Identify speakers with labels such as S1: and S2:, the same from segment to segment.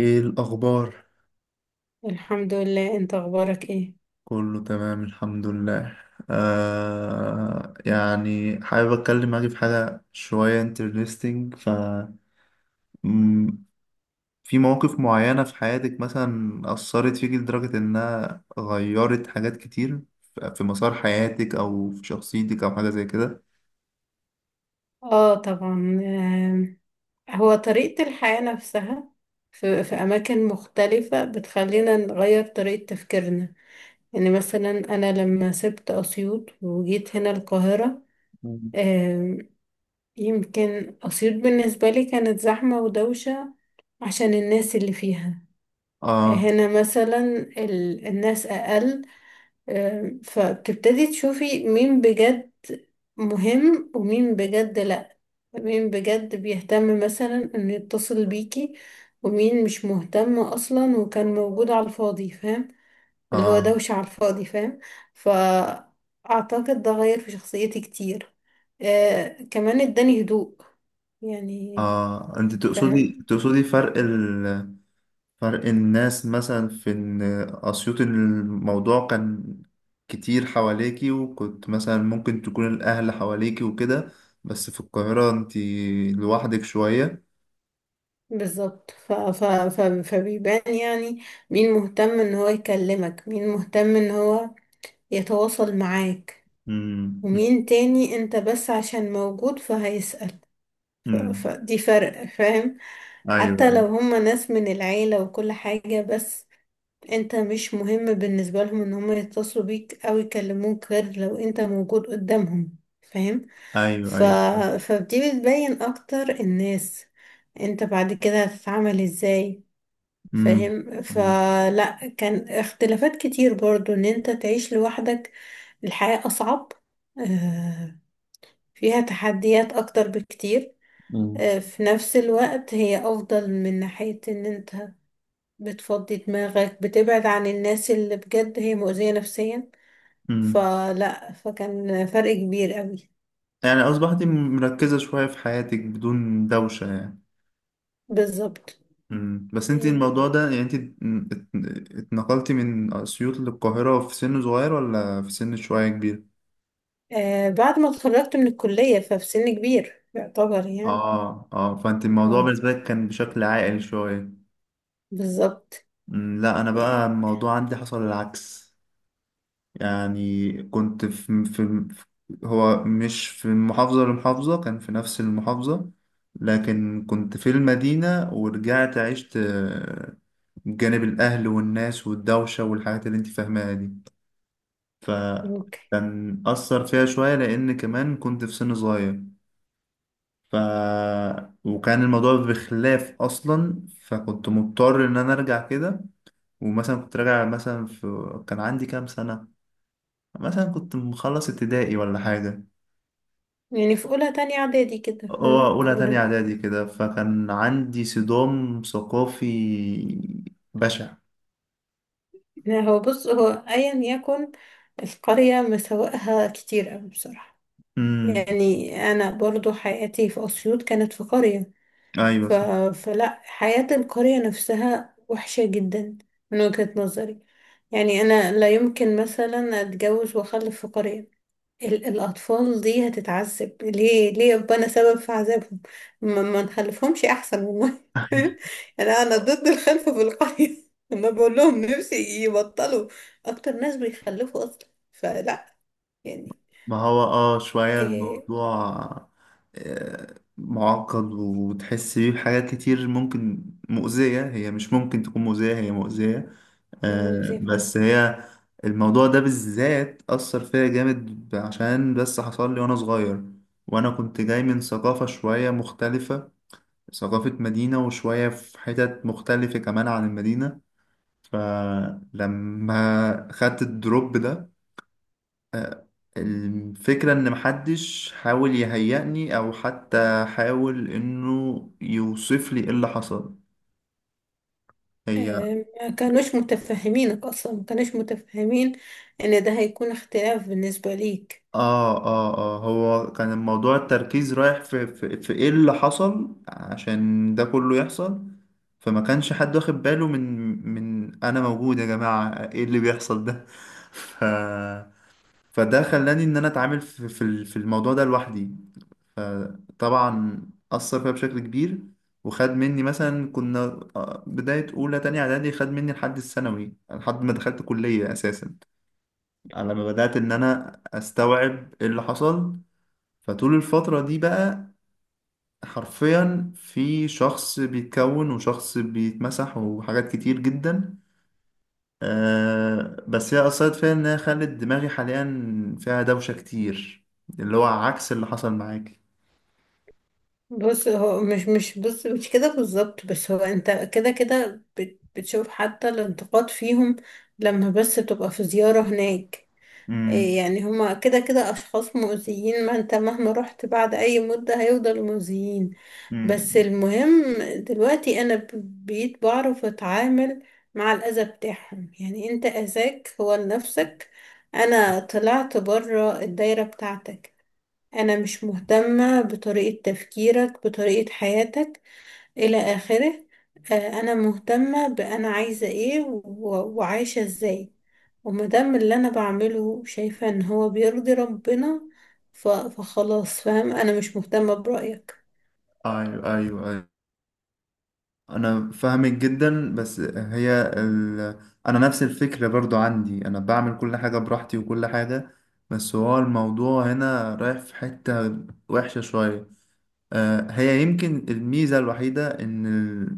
S1: ايه الاخبار؟
S2: الحمد لله، انت اخبارك ايه؟
S1: كله تمام الحمد لله. يعني حابب اتكلم معاكي في حاجه شويه انترستينج ف مم، في مواقف معينه في حياتك مثلا اثرت فيكي لدرجه انها غيرت حاجات كتير، في مسار حياتك او في شخصيتك او حاجه زي كده.
S2: اه طبعا. آم، هو طريقة الحياة نفسها. في اماكن مختلفة بتخلينا نغير طريقة تفكيرنا. يعني مثلا انا لما سبت اسيوط وجيت هنا القاهرة،
S1: مم.
S2: آم، يمكن اسيوط بالنسبة لي كانت زحمة ودوشة عشان الناس اللي فيها.
S1: اه،
S2: هنا مثلا الناس اقل. فبتبتدي تشوفي مين بجد مهم ومين بجد لأ. مين بجد بيهتم مثلا انه يتصل بيكي، ومين مش مهتم اصلا وكان موجود على الفاضي، فاهم؟ اللي هو
S1: اه،
S2: دوشة على الفاضي، فاهم؟ فأعتقد ده غير في شخصيتي كتير. آه كمان اداني هدوء يعني.
S1: اه، انت تقصدي
S2: فاهم؟
S1: تقصدي فرق، فرق الناس مثلا في إن أسيوط الموضوع كان كتير حواليكي، وكنت مثلا ممكن تكون الأهل حواليكي وكده، بس في القاهرة انتي لوحدك شوية.
S2: بالظبط. ف... ف... ف... فبيبان يعني مين مهتم ان هو يكلمك، مين مهتم ان هو يتواصل معاك،
S1: مم.
S2: ومين تاني انت بس عشان موجود فهيسأل. ف...
S1: مم.
S2: فدي فرق، فاهم؟
S1: أيوه،
S2: حتى لو
S1: أيوه.
S2: هما ناس من العيلة وكل حاجة، بس انت مش مهم بالنسبة لهم ان هما يتصلوا بيك او يكلموك غير لو انت موجود قدامهم، فاهم؟
S1: أيوه،
S2: ف...
S1: أيوه.
S2: فدي بتبين اكتر الناس انت بعد كده هتتعامل ازاي.
S1: مم.
S2: فاهم؟
S1: مم.
S2: فلا، كان اختلافات كتير برضو ان انت تعيش لوحدك. الحياة أصعب، آه، فيها تحديات أكتر بكتير.
S1: مم.
S2: آه، في نفس الوقت هي أفضل من ناحية إن أنت بتفضي دماغك، بتبعد عن الناس اللي بجد هي مؤذية نفسيا.
S1: مم.
S2: فلا، فكان فرق كبير قوي.
S1: يعني أصبحتي مركزة شوية في حياتك بدون دوشة يعني.
S2: بالظبط.
S1: مم. بس انتي
S2: يعني
S1: الموضوع ده، يعني، انتي ات- اتنقلتي من أسيوط للقاهرة في سن صغير، ولا في سن شوية كبير؟
S2: آه، بعد ما اتخرجت من الكلية، ففي سن كبير يعتبر يعني.
S1: اه، اه، فانت
S2: ف-
S1: الموضوع بالنسبة لك كان بشكل عائل شوية.
S2: بالظبط.
S1: لا انا بقى
S2: يعني-
S1: الموضوع عندي حصل العكس. يعني كنت في, في هو مش في محافظة لمحافظة، كان في نفس المحافظة. لكن كنت في المدينة ورجعت عشت جانب الاهل والناس والدوشة والحاجات اللي انت فاهماها دي.
S2: اوكي.
S1: فكان أثر فيها شوية لأن كمان كنت في سن صغير. ف وكان الموضوع بخلاف اصلا، فكنت مضطر ان انا ارجع كده. ومثلا كنت راجع، مثلا، كان عندي كام سنة، مثلا كنت مخلص ابتدائي ولا حاجة.
S2: يعني في أولى تانية إعدادي كده،
S1: اه،
S2: فاهم؟
S1: اولى تانية اعدادي كده، فكان عندي صدام ثقافي بشع.
S2: لا هو بص، هو أيا يكن، القرية مساوئها كتير أوي بصراحة.
S1: امم،
S2: يعني أنا برضو حياتي في أسيوط كانت في قرية.
S1: ايوه،
S2: ف...
S1: صح.
S2: فلا، حياة القرية نفسها وحشة جدا من وجهة نظري. يعني أنا لا يمكن مثلا أتجوز وأخلف في قرية. الأطفال دي هتتعذب ليه؟ ليه أبقى أنا سبب في عذابهم؟ ما نخلفهمش أحسن والله. يعني أنا ضد الخلف في القرية. أنا بقول لهم نفسي يبطلوا. أكتر ناس بيخلفوا أصلا، فلا يعني.
S1: ما هو شوية
S2: إيه؟
S1: الموضوع معقد، وتحس بيه بحاجات كتير ممكن مؤذية، هي مش ممكن تكون مؤذية، هي مؤذية.
S2: يا مزيفة.
S1: بس هي الموضوع ده بالذات أثر فيا جامد عشان بس حصل لي وأنا صغير، وأنا كنت جاي من ثقافة شوية مختلفة، ثقافة مدينة، وشوية في حتت مختلفة كمان عن المدينة. فلما خدت الدروب ده، الفكرة إن محدش حاول يهيئني أو حتى حاول إنه يوصف لي إيه اللي حصل. هي
S2: إيه؟ ما كانوش متفهمينك أصلا، ما كانوش متفهمين إن ده هيكون اختلاف بالنسبة ليك.
S1: اه، اه، اه، هو كان الموضوع، التركيز رايح في في, في ايه اللي حصل عشان ده كله يحصل. فما كانش حد واخد باله من انا موجود يا جماعة، ايه اللي بيحصل ده؟ ف فده خلاني ان انا اتعامل في الموضوع ده لوحدي. فطبعا اثر فيا بشكل كبير. وخد مني، مثلا، كنا بداية أولى تانية إعدادي، خد مني لحد الثانوي، لحد ما دخلت كلية أساسا، على ما بدأت إن أنا أستوعب إيه اللي حصل. فطول الفترة دي بقى، حرفيا، في شخص بيتكون وشخص بيتمسح وحاجات كتير جدا. بس هي أثرت فيا إنها خلت دماغي حاليا فيها دوشة كتير، اللي هو عكس اللي حصل معاكي.
S2: بص هو مش كده بالظبط، بس هو انت كده كده بتشوف حتى الانتقاد فيهم لما بس تبقى في زيارة هناك. إيه
S1: امم،
S2: يعني؟ هما كده كده أشخاص مؤذيين. ما انت مهما رحت بعد أي مدة هيفضلوا مؤذيين. بس
S1: امم.
S2: المهم دلوقتي أنا بقيت بعرف أتعامل مع الأذى بتاعهم. يعني انت أذاك هو لنفسك. أنا طلعت بره الدايرة بتاعتك. أنا مش مهتمة بطريقة تفكيرك، بطريقة حياتك، إلى آخره. آه، أنا مهتمة بأنا عايزة إيه وعايشة إزاي. ومادام اللي أنا بعمله شايفة إن هو بيرضي ربنا، فخلاص، فاهم؟ أنا مش مهتمة برأيك.
S1: أيوه، أيوه. أنا فاهمك جدا بس هي أنا نفس الفكرة برضو عندي، أنا بعمل كل حاجة براحتي وكل حاجة، بس هو الموضوع هنا رايح في حتة وحشة شوية. هي يمكن الميزة الوحيدة إن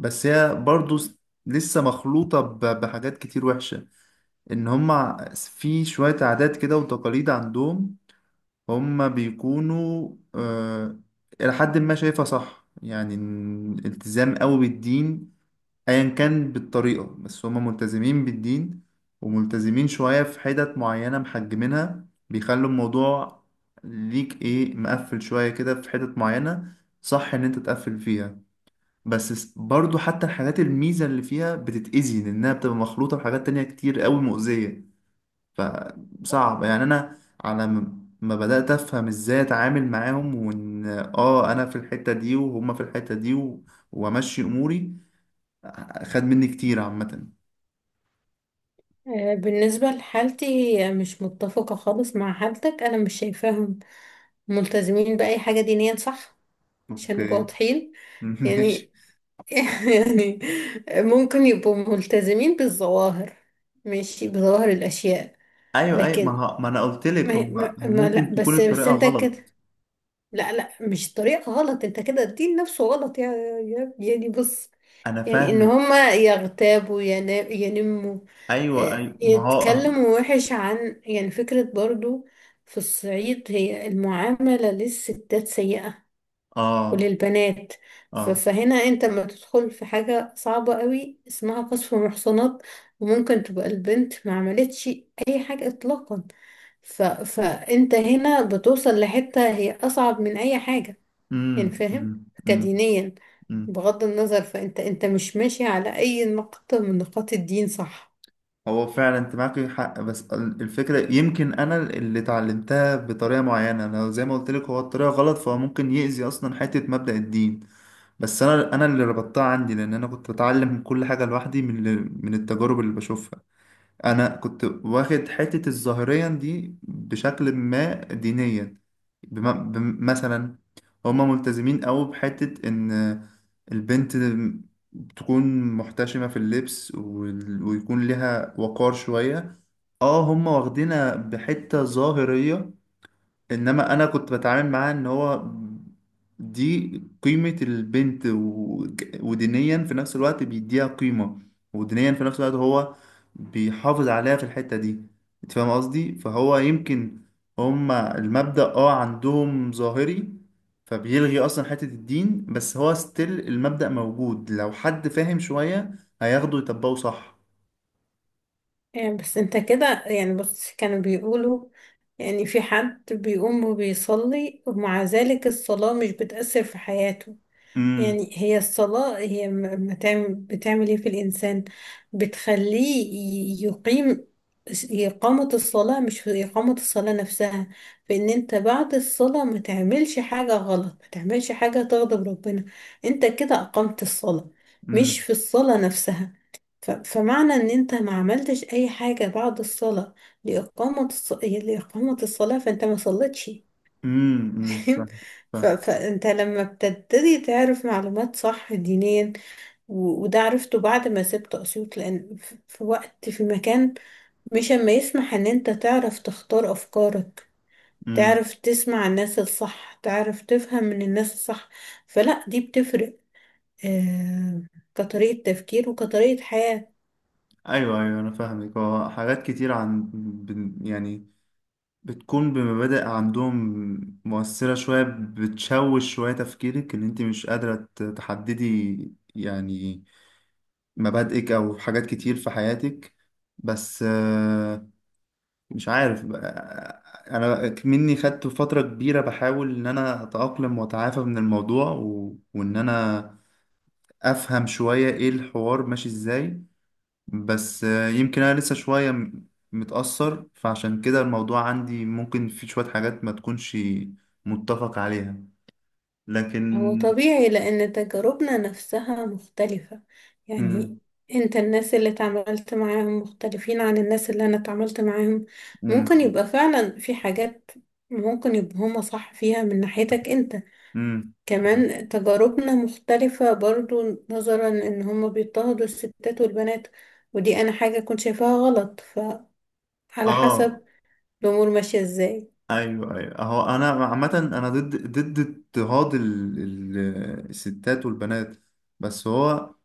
S1: بس هي برضو لسه مخلوطة بحاجات كتير وحشة. إن هما في شوية عادات كده وتقاليد عندهم. هما بيكونوا إلى حد ما شايفها صح، يعني، إن التزام قوي بالدين، ايا كان بالطريقة، بس هما ملتزمين بالدين، وملتزمين شوية في حتت معينة محجمينها، بيخلوا الموضوع ليك ايه مقفل شوية كده في حتت معينة، صح ان انت تقفل فيها، بس برضو حتى الحاجات الميزة اللي فيها بتتأذي لأنها بتبقى مخلوطة بحاجات تانية كتير قوي مؤذية. فصعب يعني. أنا على ما بدأت أفهم إزاي أتعامل معاهم، وإن أنا في الحتة دي وهما في الحتة دي، وأمشي أموري. خد مني كتير عامة.
S2: آه، بالنسبة لحالتي، هي مش متفقة خالص مع حالتك. أنا مش شايفاهم ملتزمين بأي حاجة دينيا، صح؟ عشان نبقى
S1: اوكي.
S2: واضحين.
S1: ماشي.
S2: يعني يعني ممكن يبقوا ملتزمين بالظواهر، ماشي، بظواهر الأشياء.
S1: ايوه، ايوه، ما,
S2: لكن
S1: ه... ما انا قلت
S2: ما,
S1: لك هم
S2: ما, ما لا
S1: ممكن تكون
S2: بس
S1: الطريقة
S2: انت
S1: غلط.
S2: كده، لا لا، مش طريقة غلط، انت كده الدين نفسه غلط. يا يعني بص،
S1: انا
S2: يعني ان
S1: فاهمك.
S2: هما يغتابوا ينموا،
S1: ايوه،
S2: آه،
S1: ايوه. ما هو.
S2: يتكلموا وحش عن، يعني، فكرة برضو في الصعيد هي المعاملة للستات سيئة
S1: اه،
S2: وللبنات.
S1: اه.
S2: فهنا انت لما تدخل في حاجة صعبة قوي اسمها قصف محصنات، وممكن تبقى البنت ما عملتش اي حاجة اطلاقا. فانت هنا بتوصل لحتة هي اصعب من اي حاجة.
S1: امم،
S2: يعني فاهم؟
S1: امم، امم.
S2: كدينيا،
S1: أمم.
S2: بغض النظر، فانت انت مش ماشي على اي نقطة من نقاط الدين، صح؟
S1: هو فعلا انت معاك حق. بس الفكرة يمكن انا اللي اتعلمتها بطريقة معينة، انا زي ما قلت لك هو الطريقة غلط، فهو ممكن يأذي اصلا حتة مبدأ الدين. بس انا اللي ربطتها عندي لان انا كنت بتعلم كل حاجة لوحدي من التجارب اللي بشوفها. انا كنت واخد حتة الظاهريا دي بشكل ما دينيا. مثلا، هما ملتزمين أوي بحتة ان البنت تكون محتشمة في اللبس ويكون ليها وقار شوية. اه، هما واخدينها بحتة ظاهرية. انما انا كنت بتعامل معاه ان هو دي قيمة البنت ودينيا في نفس الوقت بيديها قيمة، ودينيا في نفس الوقت هو بيحافظ عليها في الحتة دي. انت فاهم قصدي؟ فهو يمكن هما المبدأ عندهم ظاهري، فبيلغي اصلا حتة الدين، بس هو ستيل المبدأ موجود، لو حد فاهم شوية هياخده يطبقه صح.
S2: يعني بس انت كده يعني بص، كانوا بيقولوا يعني في حد بيقوم وبيصلي ومع ذلك الصلاة مش بتأثر في حياته.
S1: امم،
S2: يعني هي الصلاة هي بتعمل بتعمل ايه في الإنسان؟ بتخليه يقيم، إقامة الصلاة مش في إقامة الصلاة نفسها. فإن أنت بعد الصلاة ما تعملش حاجة غلط، ما تعملش حاجة تغضب ربنا، أنت كده أقمت الصلاة، مش
S1: امم،
S2: في الصلاة نفسها. فمعنى إن أنت ما عملتش أي حاجة بعد الصلاة لإقامة لإقامة الصلاة، فأنت ما صليتش،
S1: امم.
S2: فاهم؟
S1: فاهم، فاهم.
S2: فانت لما بتبتدي تعرف معلومات صح دينيا، وده عرفته بعد ما سبت اسيوط، لان في وقت في مكان مش اما يسمح ان انت تعرف تختار افكارك،
S1: امم.
S2: تعرف تسمع الناس الصح، تعرف تفهم من الناس الصح. فلا، دي بتفرق، آه، كطريقة تفكير وكطريقة حياة.
S1: ايوه، ايوه، انا فاهمك. هو حاجات كتير عن يعني، بتكون بمبادئ عندهم مؤثرة شوية، بتشوش شوية تفكيرك، ان انت مش قادرة تحددي، يعني، مبادئك او حاجات كتير في حياتك. بس مش عارف انا مني خدت فترة كبيرة بحاول ان انا اتأقلم واتعافى من الموضوع وان انا افهم شوية ايه الحوار ماشي ازاي. بس يمكن انا لسه شوية متأثر، فعشان كده الموضوع عندي ممكن في شوية حاجات ما تكونش متفق عليها.
S2: هو
S1: لكن
S2: طبيعي لأن تجاربنا نفسها مختلفة. يعني
S1: مم.
S2: انت الناس اللي اتعاملت معاهم مختلفين عن الناس اللي انا اتعاملت معاهم. ممكن
S1: مم.
S2: يبقى فعلا في حاجات ممكن يبقى هما صح فيها من ناحيتك انت.
S1: مم. مم.
S2: كمان تجاربنا مختلفة برضو نظرا ان هما بيضطهدوا الستات والبنات. ودي انا حاجة كنت شايفاها غلط، فعلى
S1: اه.
S2: حسب الامور ماشية ازاي.
S1: ايوه، ايوه، اهو انا عامة انا ضد اضطهاد الستات والبنات. بس هو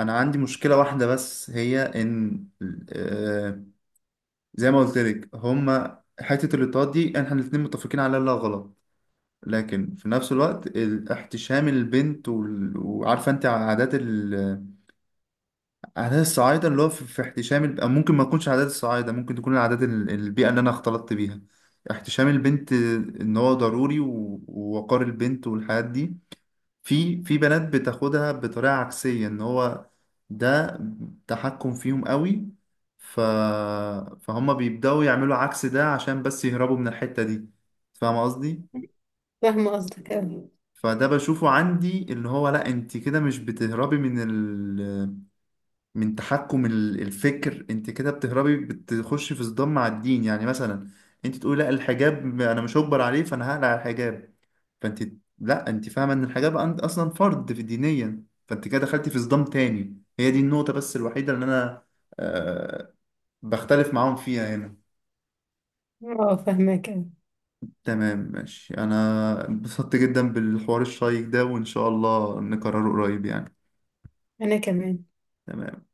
S1: انا عندي مشكلة واحدة بس هي ان، آه، زي ما قلت لك، هما حتة الاضطهاد دي احنا الاتنين متفقين عليها انها غلط. لكن في نفس الوقت احتشام البنت وعارفه انت عادات عادات الصعايده اللي هو في احتشام أو ممكن ما تكونش عادات الصعايده، ممكن تكون العادات البيئه اللي انا اختلطت بيها. احتشام البنت ان هو ضروري ووقار البنت والحاجات دي، في بنات بتاخدها بطريقه عكسيه ان هو ده تحكم فيهم قوي. ف... فهم بيبداوا يعملوا عكس ده عشان بس يهربوا من الحته دي. فاهم قصدي؟
S2: فاهمة قصدك اوي.
S1: فده بشوفه عندي اللي هو لا، انت كده مش بتهربي من من تحكم الفكر، انت كده بتهربي بتخشي في صدام مع الدين، يعني مثلا، انت تقولي لا الحجاب انا مش هجبر عليه فانا هقلع الحجاب. فانت، لا، انت فاهمه ان الحجاب اصلا فرض في دينيا، فانت كده دخلتي في صدام تاني. هي دي النقطه بس الوحيده اللي انا أه بختلف معاهم فيها هنا.
S2: اه فاهمك اوي.
S1: تمام، ماشي، انا انبسطت جدا بالحوار الشيق ده، وان شاء الله نكرره قريب يعني.
S2: انا كمان.
S1: تمام.